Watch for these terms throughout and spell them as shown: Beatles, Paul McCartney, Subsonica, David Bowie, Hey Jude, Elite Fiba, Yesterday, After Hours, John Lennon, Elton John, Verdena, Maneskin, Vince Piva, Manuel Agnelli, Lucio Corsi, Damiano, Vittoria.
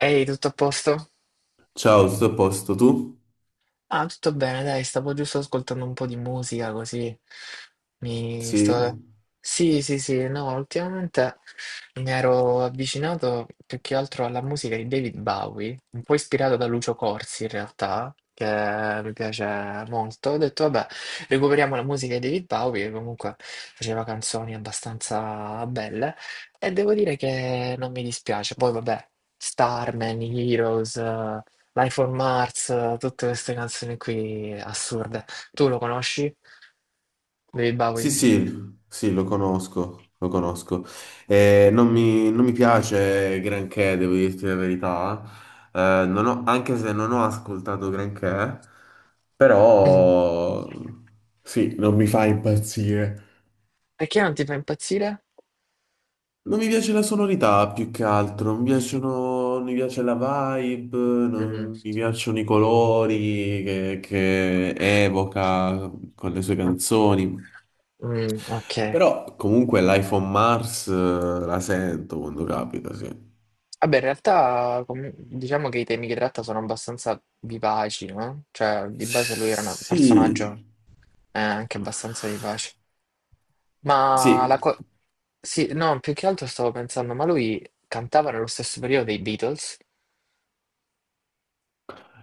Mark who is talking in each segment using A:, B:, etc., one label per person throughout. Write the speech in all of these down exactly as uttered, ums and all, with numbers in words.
A: Ehi, tutto a posto?
B: Ciao, tutto a posto, tu?
A: Ah, tutto bene, dai, stavo giusto ascoltando un po' di musica così. Mi
B: Sì?
A: sto... Sì, sì, sì, no, ultimamente mi ero avvicinato più che altro alla musica di David Bowie, un po' ispirato da Lucio Corsi in realtà, che mi piace molto. Ho detto, vabbè, recuperiamo la musica di David Bowie, che comunque faceva canzoni abbastanza belle, e devo dire che non mi dispiace. Poi, vabbè, Starman, Heroes. Life on Mars, tutte queste canzoni qui assurde. Tu lo conosci? David
B: Sì,
A: Bowie?
B: sì, sì, lo conosco, lo conosco. Eh, non mi, non mi piace granché, devo dirti la verità. Eh, non ho- Anche se non ho ascoltato granché,
A: Mm.
B: però sì, non mi fa impazzire.
A: Perché non ti fa impazzire?
B: Non mi piace la sonorità più che altro, mi piacciono, non mi piace la vibe,
A: Mm.
B: non mi piacciono i colori che, che evoca con le sue
A: Ok.
B: canzoni.
A: Mm, ok.
B: Però comunque l'iPhone Mars eh, la sento quando capita, sì.
A: Vabbè, in realtà com- diciamo che i temi che tratta sono abbastanza vivaci, no? Cioè, di base lui era un
B: Sì,
A: personaggio eh, anche abbastanza vivace. Ma la
B: sì.
A: co- Sì, no, più che altro stavo pensando, ma lui cantava nello stesso periodo dei Beatles?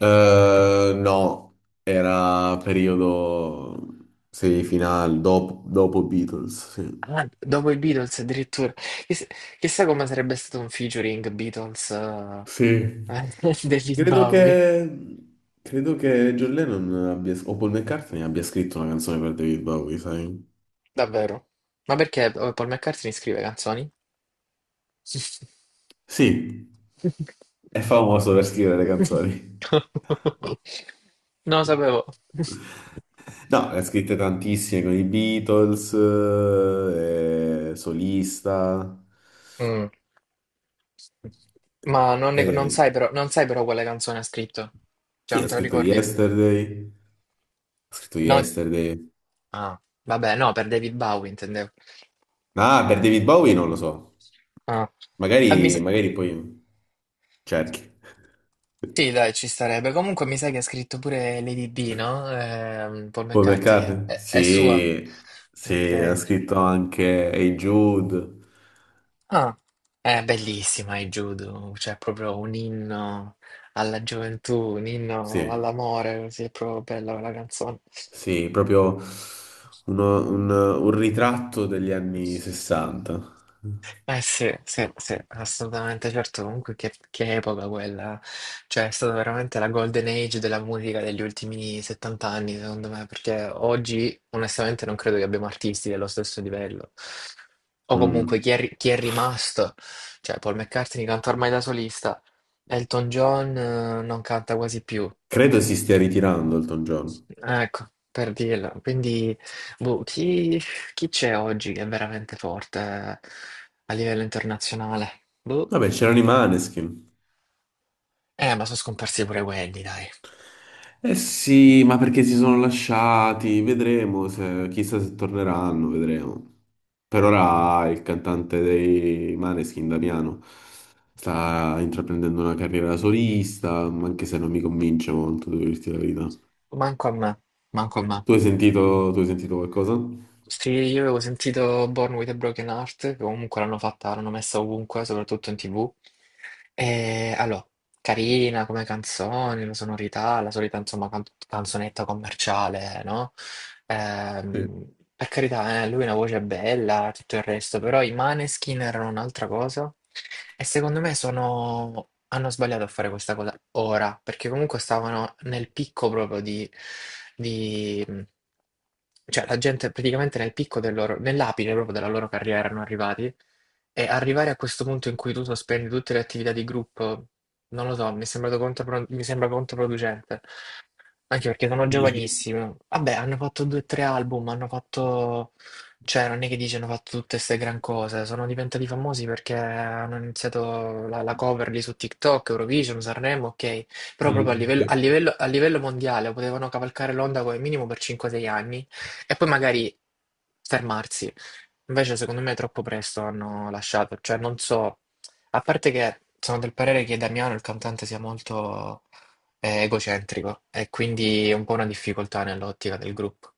B: Eh, no, era periodo semifinale, dopo, dopo Beatles, sì.
A: Ah, dopo i Beatles addirittura. Chiss- Chissà, come sarebbe stato un featuring Beatles eh,
B: Sì.
A: degli
B: Credo
A: Bowie.
B: che... Credo che John Lennon abbia, o Paul McCartney abbia scritto una canzone per David Bowie, sai?
A: Davvero? Ma perché eh, Paul McCartney scrive canzoni?
B: Sì, è famoso per scrivere le canzoni.
A: Non lo sapevo.
B: No, ne ha scritte tantissime con i Beatles, eh, solista.
A: Mm. Ma non, ne- non
B: Eh,
A: sai però, non sai però quale canzone ha scritto? Cioè,
B: sì,
A: non
B: ha
A: te la
B: scritto
A: ricordi?
B: Yesterday. Ha scritto
A: No?
B: Yesterday.
A: Ah, vabbè, no, per David Bowie intendevo.
B: Ah, per David Bowie non lo so.
A: Ah. Ah, mi
B: Magari,
A: sa-
B: magari poi cerchi.
A: Sì, dai, ci starebbe. Comunque mi sa che ha scritto pure Lady B, no? Ehm, Paul
B: Paul
A: McCartney.
B: McCartney?
A: È, è sua.
B: Sì, sì, ha
A: Ok.
B: scritto anche Hey Jude.
A: Ah, è bellissima il judo, cioè è proprio un inno alla gioventù, un
B: Sì,
A: inno all'amore, così è proprio bella quella canzone.
B: sì, proprio uno- un, un ritratto degli anni sessanta.
A: Eh sì, sì, sì, assolutamente, certo, comunque che, che epoca quella, cioè è stata veramente la golden age della musica degli ultimi settanta anni, secondo me, perché oggi onestamente non credo che abbiamo artisti dello stesso livello, o comunque chi è,
B: Mm.
A: ri- chi è rimasto, cioè Paul McCartney canta ormai da solista, Elton John eh, non canta quasi più,
B: Credo si stia ritirando Elton John.
A: ecco, per dirla, quindi, boh, chi... Chi c'è oggi che è veramente forte eh, a livello internazionale? Boh.
B: Vabbè, c'erano i Maneskin.
A: Eh, ma sono scomparsi pure quelli, dai.
B: Eh sì, ma perché si sono lasciati? Vedremo se, chissà se torneranno, vedremo. Per ora il cantante dei Maneskin, Damiano, sta intraprendendo una carriera da solista, ma anche se non mi convince molto, devo dirti la verità.
A: Manco a me, manco a me.
B: Tu hai sentito, tu hai sentito qualcosa?
A: Sì, io avevo sentito Born with a Broken Heart, che comunque l'hanno fatta, l'hanno messa ovunque, soprattutto in T V. E allora, carina come canzone, la sonorità, la solita insomma can- canzonetta commerciale, no?
B: Sì.
A: Ehm, per carità, eh, lui ha una voce bella, tutto il resto, però i Maneskin erano un'altra cosa e secondo me sono... hanno sbagliato a fare questa cosa ora, perché comunque stavano nel picco proprio di... di... Cioè, la gente praticamente nel picco del loro, nell'apice proprio della loro carriera erano arrivati e arrivare a questo punto in cui tu sospendi tutte le attività di gruppo non lo so, mi è sembrato contropro mi sembra controproducente. Anche perché sono
B: Dici?
A: giovanissimi. Vabbè, hanno fatto due o tre album, hanno fatto... Cioè, non è che dici hanno fatto tutte queste gran cose. Sono diventati famosi perché hanno iniziato la, la cover lì su TikTok, Eurovision, Sanremo, ok. Però proprio a
B: Mm,
A: livello,
B: sì.
A: a livello- a livello mondiale potevano cavalcare l'onda come minimo per cinque o sei anni e poi magari fermarsi. Invece, secondo me, troppo presto hanno lasciato. Cioè, non so. A parte che sono del parere che Damiano, il cantante, sia molto eh, egocentrico e quindi è un po' una difficoltà nell'ottica del gruppo,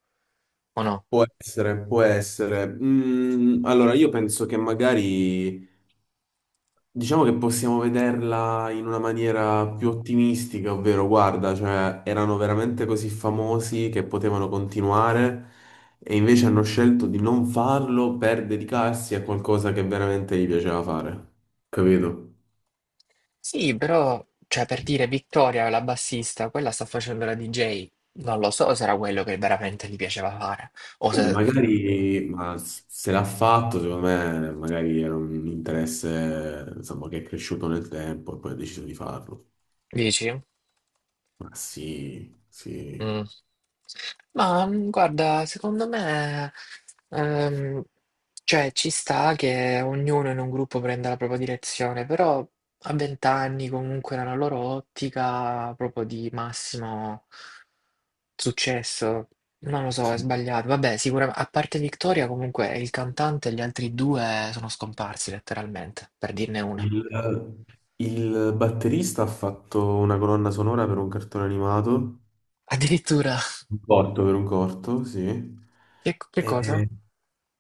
A: o no?
B: Può essere, può essere. Mm, allora, io penso che magari diciamo che possiamo vederla in una maniera più ottimistica, ovvero guarda, cioè erano veramente così famosi che potevano continuare, e invece hanno scelto di non farlo per dedicarsi a qualcosa che veramente gli piaceva fare. Capito?
A: Sì, però, cioè, per dire Vittoria, la bassista, quella sta facendo la D J, non lo so se era quello che veramente gli piaceva fare, o
B: Vabbè,
A: se
B: magari, ma s- se l'ha fatto, secondo me, magari era un interesse, insomma, che è cresciuto nel tempo e poi ha deciso di farlo.
A: dici?
B: Ma sì, sì.
A: Mm. Ma mm, guarda, secondo me, ehm, cioè, ci sta che ognuno in un gruppo prenda la propria direzione, però a vent'anni comunque nella loro ottica proprio di massimo successo. Non lo so, è
B: Sì.
A: sbagliato. Vabbè, sicuramente, a parte Victoria, comunque il cantante e gli altri due sono scomparsi letteralmente, per dirne una.
B: Il, il batterista ha fatto una colonna sonora per un cartone animato,
A: Addirittura,
B: un corto per un corto, sì.
A: che, che cosa?
B: E-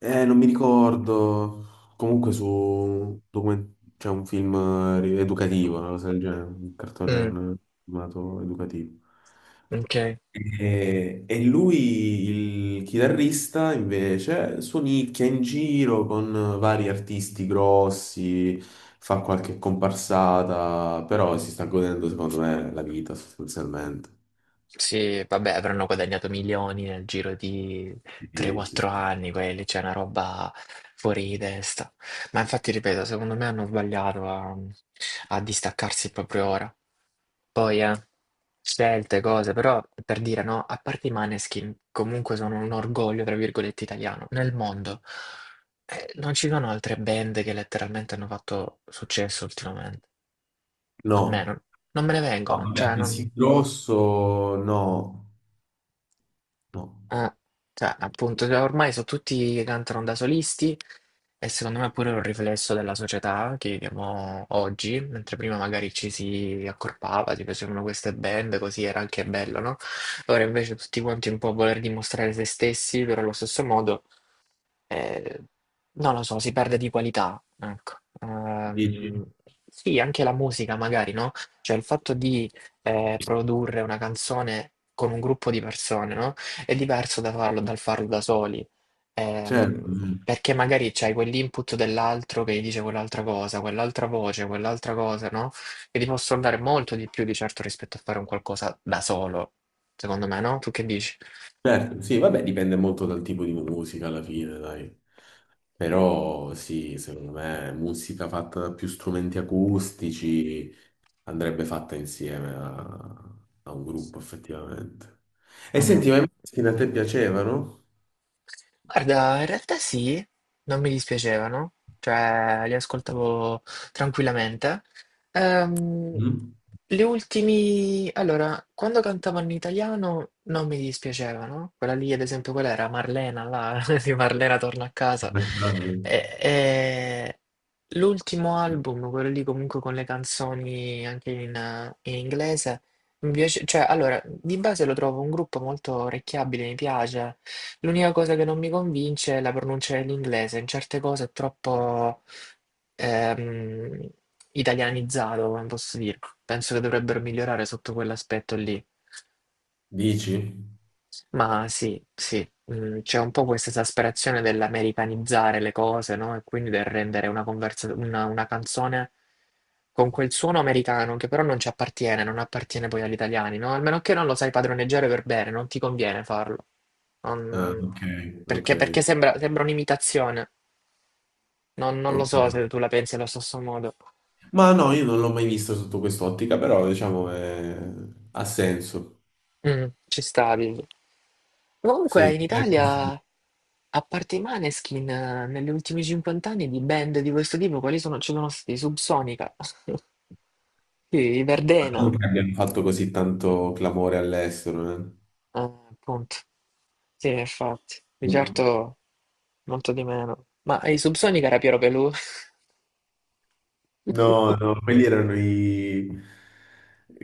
B: eh, Non mi ricordo. Comunque su un document- c'è un film eh, educativo, una cosa del genere, un cartone
A: Mm,
B: un- animato educativo.
A: ok.
B: E, e lui, il chitarrista, invece, suonicchia in giro con vari artisti grossi, fa qualche comparsata, però si sta godendo, secondo me, la vita sostanzialmente.
A: Sì, vabbè, avranno guadagnato milioni nel giro di
B: Quindi, sì,
A: tre o quattro
B: sì.
A: anni quelli, c'è una roba fuori di testa. Ma infatti, ripeto, secondo me hanno sbagliato a, a distaccarsi proprio ora. Poi, eh, scelte, cose, però per dire no, a parte i Maneskin, comunque sono un orgoglio, tra virgolette, italiano. Nel mondo eh, non ci sono altre band che letteralmente hanno fatto successo ultimamente,
B: No,
A: almeno non me ne
B: no,
A: vengono,
B: vabbè,
A: cioè non...
B: così grosso, no, no.
A: Eh, cioè, appunto, cioè, ormai sono tutti che cantano da solisti e secondo me è pure un riflesso della società che viviamo oggi, mentre prima magari ci si accorpava, si facevano queste band, così era anche bello, no? Ora invece tutti quanti un po' a voler dimostrare se stessi, però allo stesso modo. Eh, Non lo so, si perde di qualità, ecco.
B: Dici?
A: Ehm, sì, anche la musica magari, no? Cioè il fatto di eh, produrre una canzone con un gruppo di persone, no? È diverso da farlo, dal farlo da soli.
B: Certo.
A: Ehm, perché magari c'hai quell'input dell'altro che gli dice quell'altra cosa, quell'altra voce, quell'altra cosa, no? Che ti possono dare molto di più di certo rispetto a fare un qualcosa da solo, secondo me, no? Tu che dici?
B: Certo, sì, vabbè, dipende molto dal tipo di musica alla fine, dai. Però sì, secondo me musica fatta da più strumenti acustici andrebbe fatta insieme a, a un gruppo, effettivamente. E
A: Mm.
B: senti, ma i Måneskin a te piacevano?
A: Guarda, in realtà sì, non mi dispiacevano, cioè li ascoltavo tranquillamente. Ehm,
B: Mm?
A: le ultimi, allora, quando cantavano in italiano non mi dispiacevano, quella lì ad esempio, quella era Marlena, là, di Marlena torna a casa.
B: Perché-
A: E- e l'ultimo album, quello lì comunque con le canzoni anche in, in inglese, mi piace, cioè allora, di base lo trovo un gruppo molto orecchiabile, mi piace. L'unica cosa che non mi convince è la pronuncia dell'inglese, in certe cose è troppo ehm, italianizzato, come posso dire. Penso che dovrebbero migliorare sotto quell'aspetto lì.
B: Dici?
A: Ma sì, sì, mm, c'è un po' questa esasperazione dell'americanizzare le cose, no? E quindi del rendere una, conversa- una, una canzone con quel suono americano che però non ci appartiene, non appartiene poi agli italiani, no? Almeno che non lo sai padroneggiare per bene, non ti conviene farlo.
B: Ah,
A: Non-
B: ok, ok,
A: Perché, perché sembra, sembra un'imitazione. Non, non lo so
B: ok.
A: se tu la pensi allo stesso modo.
B: Ma no, io non l'ho mai vista sotto quest'ottica, però diciamo eh, ha senso.
A: Mm, ci stavi. Comunque
B: Sì.
A: in Italia, a parte i Maneskin, eh, negli ultimi cinquanta anni di band di questo tipo, quali sono? Ci sono stati Subsonica, sì, i
B: Non
A: Verdena,
B: che abbiano fatto così tanto clamore all'estero, eh.
A: eh, appunto. Sì, infatti, di
B: No,
A: certo molto di meno. Ma i Subsonica era Piero Pelù?
B: no, no, quelli erano i...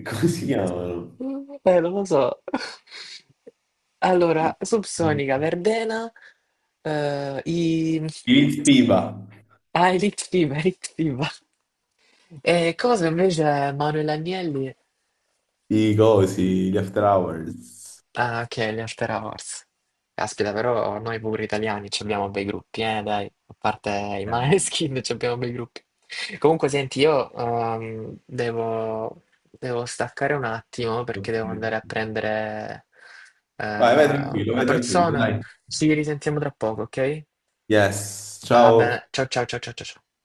B: come si chiamano?
A: Eh, non lo so.
B: I,
A: Allora,
B: i,
A: Subsonica, Verdena, eh, i...
B: i Vince Piva,
A: Ah, Elite Fiba, Elite Fiba. E cosa invece Manuel Agnelli?
B: i cosi, gli After Hours.
A: Ah, che gli After Hours. Caspita, però noi pure italiani ci abbiamo bei gruppi, eh, dai. A parte i
B: Eh,
A: Maneskin ci abbiamo bei gruppi. Comunque, senti, io ehm, devo, devo staccare un attimo perché
B: ok.
A: devo andare a prendere eh,
B: Vai, vai tranquillo,
A: una
B: vai tranquillo,
A: persona.
B: dai.
A: Ci risentiamo tra poco, ok?
B: Yes,
A: Va
B: ciao.
A: bene. Ciao, ciao, ciao, ciao, ciao. ciao.